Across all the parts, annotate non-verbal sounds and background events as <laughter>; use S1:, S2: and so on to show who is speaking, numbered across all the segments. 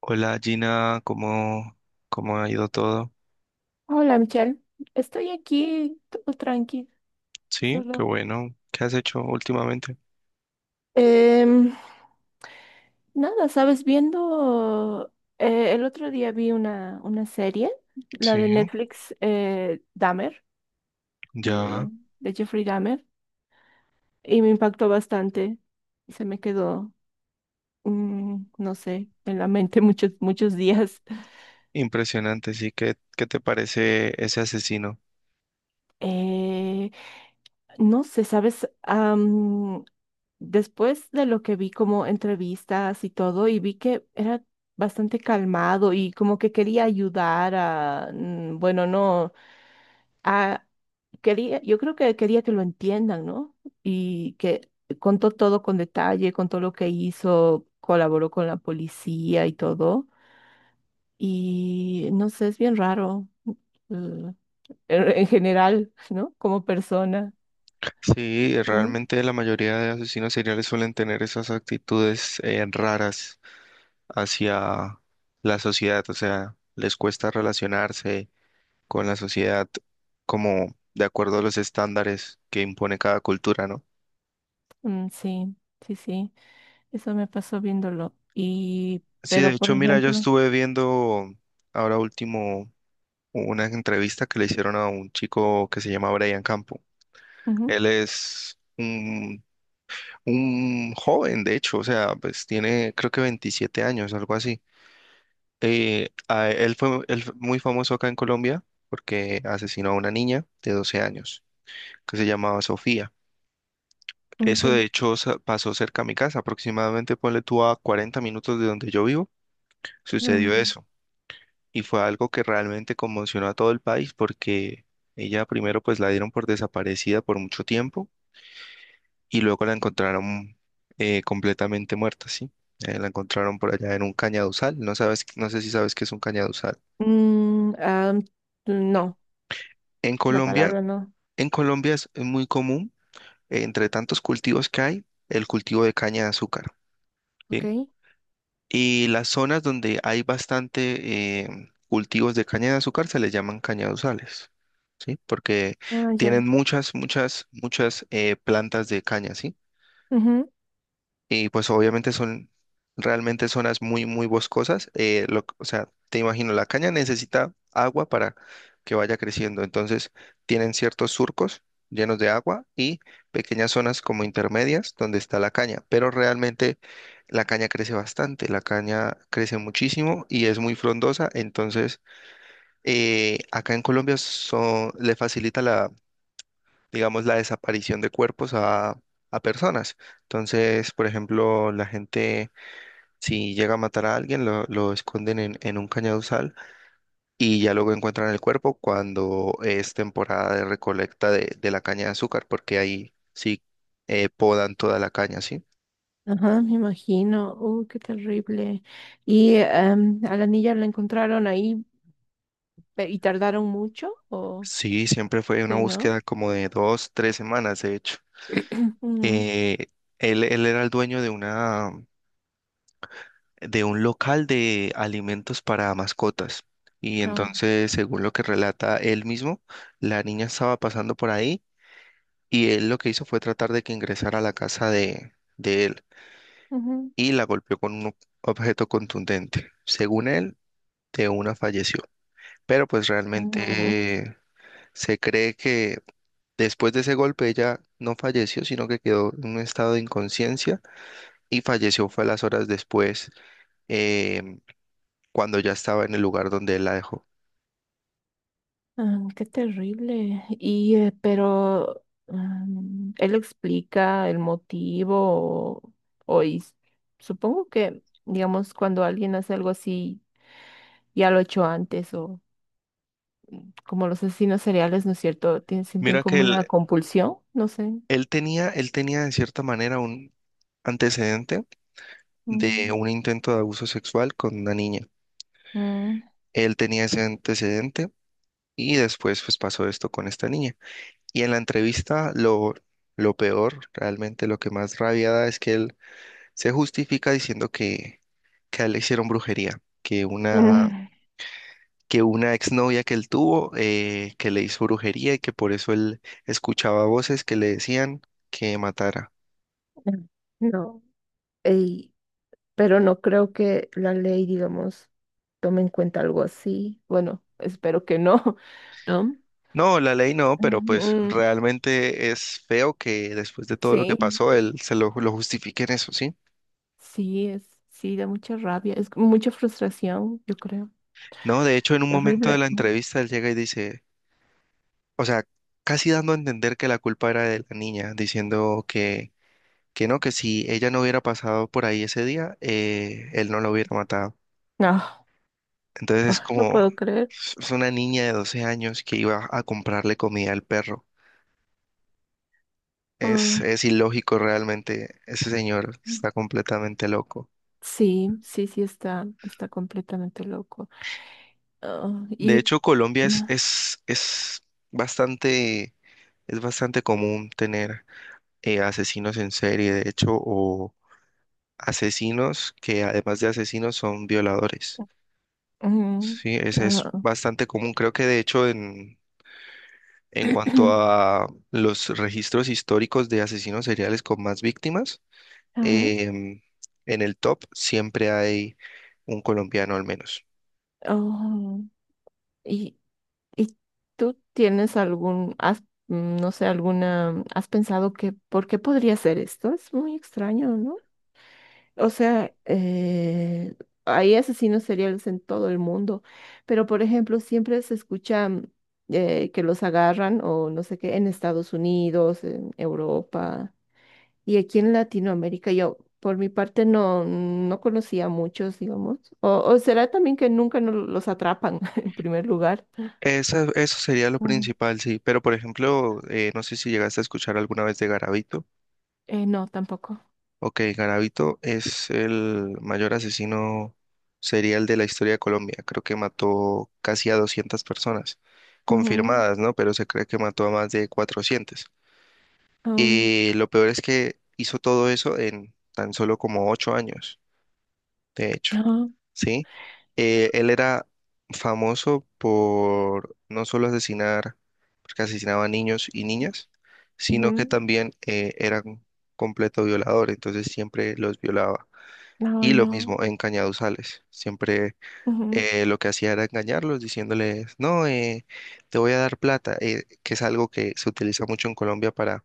S1: Hola Gina, ¿cómo ha ido todo?
S2: Hola Michelle, estoy aquí todo tranquilo,
S1: Sí, qué
S2: solo.
S1: bueno. ¿Qué has hecho últimamente?
S2: Em, Nada, sabes, viendo el otro día vi una serie, la
S1: Sí,
S2: de Netflix, Dahmer,
S1: ya.
S2: eh, de Jeffrey Dahmer, y me impactó bastante. Se me quedó, no sé, en la mente <laughs> muchos, muchos días.
S1: Impresionante, sí. ¿Qué te parece ese asesino?
S2: Eh, no sé, ¿sabes? Después de lo que vi como entrevistas y todo, y vi que era bastante calmado y como que quería ayudar a, bueno, no, a, quería, yo creo que quería que lo entiendan, ¿no? Y que contó todo con detalle, contó lo que hizo, colaboró con la policía y todo. Y no sé, es bien raro, eh, en general, ¿no? Como persona.
S1: Sí,
S2: Ujú.
S1: realmente la mayoría de asesinos seriales suelen tener esas actitudes raras hacia la sociedad, o sea, les cuesta relacionarse con la sociedad como de acuerdo a los estándares que impone cada cultura, ¿no?
S2: Mm, sí, sí, sí, eso me pasó viéndolo. Y,
S1: Sí, de
S2: pero por
S1: hecho, mira, yo
S2: ejemplo,
S1: estuve viendo ahora último una entrevista que le hicieron a un chico que se llama Brian Campo.
S2: ujú,
S1: Él es un joven, de hecho, o sea, pues tiene creo que 27 años, algo así. Él fue muy famoso acá en Colombia porque asesinó a una niña de 12 años que se llamaba Sofía.
S2: ok.
S1: Eso de hecho pasó cerca a mi casa, aproximadamente ponle tú a 40 minutos de donde yo vivo, sucedió
S2: Mm.
S1: eso. Y fue algo que realmente conmocionó a todo el país porque ella primero pues la dieron por desaparecida por mucho tiempo y luego la encontraron completamente muerta, ¿sí? La encontraron por allá en un cañaduzal, no sabes, no sé si sabes qué es un cañaduzal.
S2: Mm, ah, no,
S1: En
S2: la
S1: Colombia,
S2: palabra no.
S1: en Colombia es muy común, entre tantos cultivos que hay, el cultivo de caña de azúcar,
S2: Ok.
S1: ¿sí? Y las zonas donde hay bastante cultivos de caña de azúcar se les llaman cañaduzales, ¿sí? Porque
S2: Ah, ya.
S1: tienen muchas, muchas, muchas plantas de caña, ¿sí?
S2: Ujú.
S1: Y pues obviamente son realmente zonas muy, muy boscosas. O sea, te imagino, la caña necesita agua para que vaya creciendo. Entonces, tienen ciertos surcos llenos de agua y pequeñas zonas como intermedias donde está la caña. Pero realmente la caña crece bastante, la caña crece muchísimo y es muy frondosa. Entonces, acá en Colombia le facilita, digamos, la desaparición de cuerpos a personas. Entonces, por ejemplo, la gente, si llega a matar a alguien, lo esconden en un cañaduzal y ya luego encuentran el cuerpo cuando es temporada de recolecta de la caña de azúcar, porque ahí sí podan toda la caña, ¿sí?
S2: Ajá, me imagino. Qué terrible. ¿Y a la niña la encontraron ahí y tardaron mucho? ¿O
S1: Sí, siempre fue una
S2: sí, no?
S1: búsqueda como de dos, tres semanas, de hecho.
S2: <clears throat> Ujú.
S1: Eh, él era el dueño de un local de alimentos para mascotas. Y
S2: Ah,
S1: entonces, según lo que relata él mismo, la niña estaba pasando por ahí y él lo que hizo fue tratar de que ingresara a la casa de él
S2: ujú.
S1: y la golpeó con un objeto contundente. Según él, de una falleció. Pero pues
S2: Ujú.
S1: realmente se cree que después de ese golpe ella no falleció, sino que quedó en un estado de inconsciencia y falleció fue a las horas después, em, cuando ya estaba en el lugar donde él la dejó.
S2: Ah, qué terrible. Y él explica el motivo o, o supongo que, digamos, cuando alguien hace algo así, ya lo ha hecho antes o como los asesinos seriales, ¿no es cierto? Sienten
S1: Mira que
S2: como
S1: él,
S2: una compulsión, no sé.
S1: él tenía, él tenía de cierta manera un antecedente de
S2: Mm,
S1: un intento de abuso sexual con una niña.
S2: mm,
S1: Él tenía ese antecedente y después pues pasó esto con esta niña. Y en la entrevista lo peor, realmente lo que más rabia da es que él se justifica diciendo que a él le hicieron brujería, que una,
S2: mm.
S1: que una exnovia que él tuvo que le hizo brujería y que por eso él escuchaba voces que le decían que matara.
S2: <laughs> No, ey, pero no creo que la ley, digamos, tome en cuenta algo así. Bueno, espero que no, <laughs> ¿no?
S1: No, la ley no, pero pues
S2: Mm,
S1: realmente es feo que después de todo lo que
S2: sí,
S1: pasó, él se lo justifique en eso, ¿sí?
S2: sí, es, sí, da mucha rabia, es mucha frustración, yo creo.
S1: No, de hecho, en un momento
S2: Terrible.
S1: de la entrevista, él llega y dice, o sea, casi dando a entender que la culpa era de la niña, diciendo que no, que si ella no hubiera pasado por ahí ese día, él no la hubiera matado.
S2: No,
S1: Entonces es
S2: ah, no
S1: como,
S2: puedo creer.
S1: es una niña de 12 años que iba a comprarle comida al perro. Es,
S2: Ay,
S1: es ilógico realmente, ese señor está completamente loco.
S2: sí, sí, sí, está completamente loco. Ah,
S1: De
S2: y
S1: hecho, Colombia bastante, es bastante común tener asesinos en serie, de hecho, o asesinos que además de asesinos son violadores.
S2: mm,
S1: Sí, es
S2: ah,
S1: bastante común. Creo que de hecho en cuanto
S2: <clears throat>
S1: a los registros históricos de asesinos seriales con más víctimas,
S2: ajá.
S1: em, en el top siempre hay un colombiano al menos.
S2: Oh, y, y tú tienes algún, has, mm, no sé, has pensado que, ¿por qué podría ser esto? Es muy extraño, ¿no? O sea, hay asesinos seriales en todo el mundo, pero por ejemplo, siempre se escucha que los agarran o no sé qué en Estados Unidos, en Europa y aquí en Latinoamérica. Yo, por mi parte, no, no conocía muchos, digamos. O será también que nunca no los atrapan <laughs> en primer lugar.
S1: Eso sería lo
S2: Ujú.
S1: principal, sí. Pero, por ejemplo, no sé si llegaste a escuchar alguna vez de Garavito.
S2: No, tampoco.
S1: Ok, Garavito es el mayor asesino serial de la historia de Colombia. Creo que mató casi a 200 personas,
S2: Ujú.
S1: confirmadas, ¿no? Pero se cree que mató a más de 400.
S2: Ay,
S1: Y lo peor es que hizo todo eso en tan solo como 8 años, de hecho,
S2: ah,
S1: ¿sí? Él era famoso por no solo asesinar, porque asesinaba a niños y niñas, sino que
S2: ujú.
S1: también era un completo violador, entonces siempre los violaba. Y
S2: Ay,
S1: lo
S2: no.
S1: mismo en Cañaduzales, siempre
S2: Ujú.
S1: lo que hacía era engañarlos diciéndoles, no, te voy a dar plata, que es algo que se utiliza mucho en Colombia para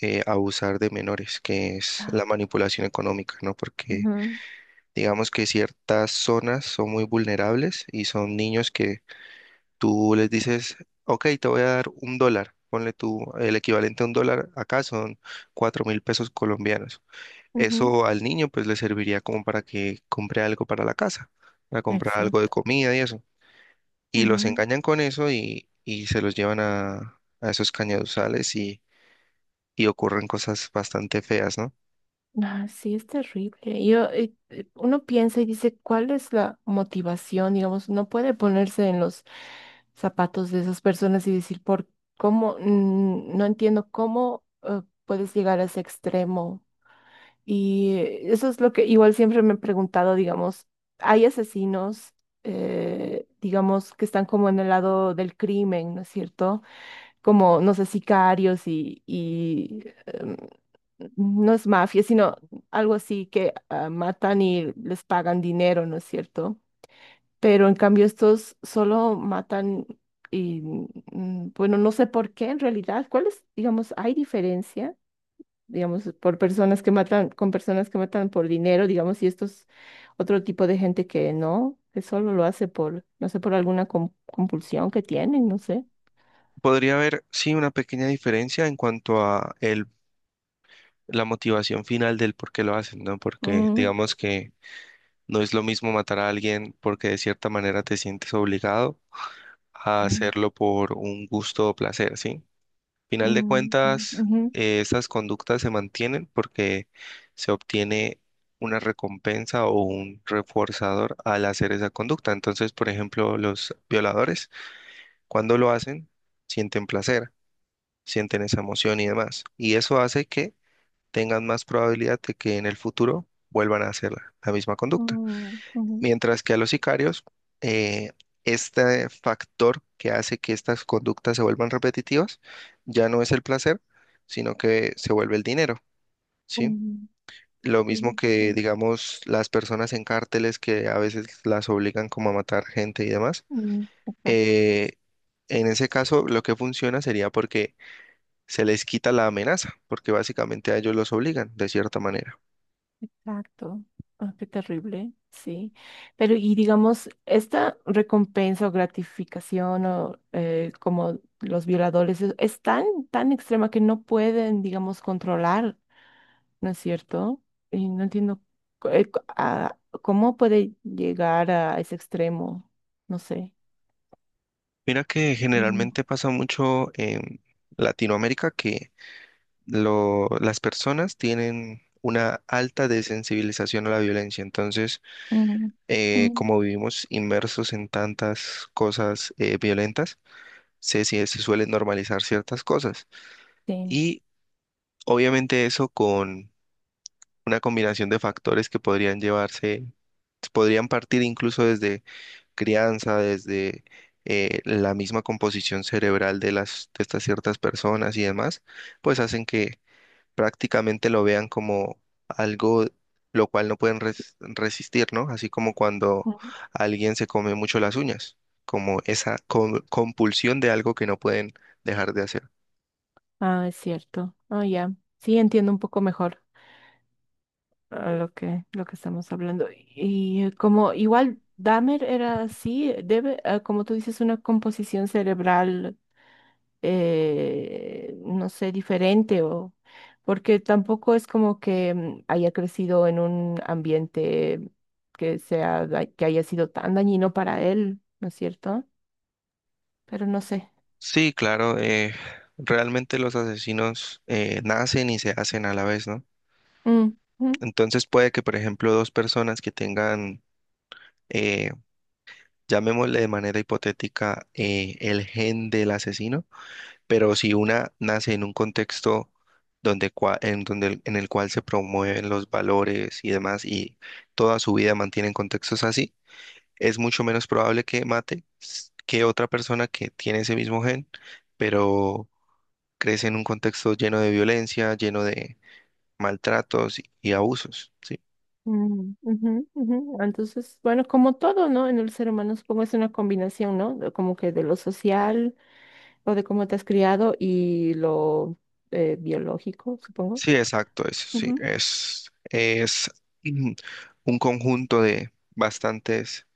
S1: abusar de menores, que es la
S2: Ah,
S1: manipulación económica, ¿no? Porque
S2: ujú,
S1: digamos que ciertas zonas son muy vulnerables y son niños que tú les dices, ok, te voy a dar un dólar, ponle tú el equivalente a un dólar, acá son 4.000 pesos colombianos.
S2: ujú.
S1: Eso al niño pues le serviría como para que compre algo para la casa, para comprar algo de
S2: Exacto.
S1: comida y eso. Y los
S2: Ujú.
S1: engañan con eso y, se los llevan a esos cañaduzales y, ocurren cosas bastante feas, ¿no?
S2: Ah, sí, es terrible. Yo, uno piensa y dice, ¿cuál es la motivación? Digamos, no puede ponerse en los zapatos de esas personas y decir, ¿por cómo? No entiendo cómo puedes llegar a ese extremo. Y eso es lo que igual siempre me he preguntado, digamos, hay asesinos, digamos, que están como en el lado del crimen, ¿no es cierto? Como, no sé, sicarios y no es mafia, sino algo así que ah, matan y les pagan dinero, ¿no es cierto? Pero en cambio estos solo matan y, bueno, no sé por qué en realidad, ¿cuál es, digamos, hay diferencia? Digamos, por personas que matan, con personas que matan por dinero, digamos, y estos otro tipo de gente que no, que solo lo hace por, no sé, por alguna compulsión que tienen, no sé.
S1: Podría haber, sí, una pequeña diferencia en cuanto a el la motivación final del por qué lo hacen, ¿no? Porque
S2: Mm,
S1: digamos que no es lo mismo matar a alguien porque de cierta manera te sientes obligado a
S2: mm,
S1: hacerlo por un gusto o placer, ¿sí? Final de
S2: mm,
S1: cuentas,
S2: ujú,
S1: esas conductas se mantienen porque se obtiene una recompensa o un reforzador al hacer esa conducta. Entonces, por ejemplo, los violadores, cuando lo hacen, sienten placer, sienten esa emoción y demás. Y eso hace que tengan más probabilidad de que en el futuro vuelvan a hacer la misma conducta.
S2: mm, ujú,
S1: Mientras que a los sicarios, eh, este factor que hace que estas conductas se vuelvan repetitivas ya no es el placer, sino que se vuelve el dinero, ¿sí?
S2: mm,
S1: Lo
S2: sí,
S1: mismo
S2: mm,
S1: que, digamos, las personas en cárteles que a veces las obligan como a matar gente y demás.
S2: mm, exacto,
S1: eh, en ese caso, lo que funciona sería porque se les quita la amenaza, porque básicamente a ellos los obligan de cierta manera.
S2: exacto. Ah, qué terrible, sí. Pero y digamos, esta recompensa o gratificación o como los violadores es tan extrema que no pueden, digamos, controlar, ¿no es cierto? Y no entiendo cu- eh, cu- a- cómo puede llegar a ese extremo, no sé.
S1: Mira que
S2: Mm,
S1: generalmente pasa mucho en Latinoamérica que las personas tienen una alta desensibilización a la violencia. Entonces,
S2: mm, mm,
S1: como vivimos inmersos en tantas cosas violentas, se suelen normalizar ciertas cosas.
S2: sí.
S1: Y obviamente eso con una combinación de factores que podrían llevarse, podrían partir incluso desde crianza, desde la misma composición cerebral de las, de estas ciertas personas y demás, pues hacen que prácticamente lo vean como algo lo cual no pueden resistir, ¿no? Así como cuando alguien se come mucho las uñas, como esa compulsión de algo que no pueden dejar de hacer.
S2: Ah, es cierto. Ah, ya. Sí, entiendo un poco mejor ah, lo que estamos hablando. Y como igual Dahmer era así, debe, ah, como tú dices, una composición cerebral, no sé, diferente o porque tampoco es como que haya crecido en un ambiente que sea, que haya sido tan dañino para él, ¿no es cierto? Pero no sé.
S1: Sí, claro, realmente los asesinos nacen y se hacen a la vez, ¿no?
S2: Mm,
S1: Entonces puede que, por ejemplo, dos personas que tengan, llamémosle de manera hipotética, el gen del asesino, pero si una nace en un contexto donde, cua- en, donde el- en el cual se promueven los valores y demás y toda su vida mantiene en contextos así, es mucho menos probable que mate que otra persona que tiene ese mismo gen, pero crece en un contexto lleno de violencia, lleno de maltratos y abusos, ¿sí?
S2: mm, ujú, ujú. Entonces, bueno, como todo, ¿no? En el ser humano supongo es una combinación, ¿no? De... Como que de lo social o de cómo te has criado y lo biológico, supongo.
S1: Sí, exacto, eso sí,
S2: Ujú.
S1: es mm, un conjunto de bastantes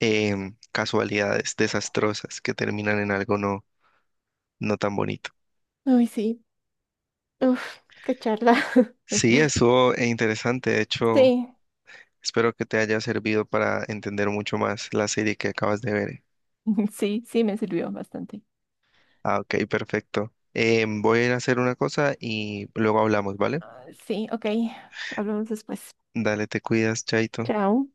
S1: casualidades desastrosas que terminan en algo no, no tan bonito.
S2: Ay, sí. Uf, qué charla. <laughs>
S1: Sí, estuvo interesante, de hecho,
S2: Sí,
S1: espero que te haya servido para entender mucho más la serie que acabas de ver.
S2: <laughs> sí, sí me sirvió bastante.
S1: Ah, ok, perfecto. Voy a ir a hacer una cosa y luego hablamos, ¿vale?
S2: Ah, sí, ok. Hablamos después.
S1: Dale, te cuidas, Chaito.
S2: Chao.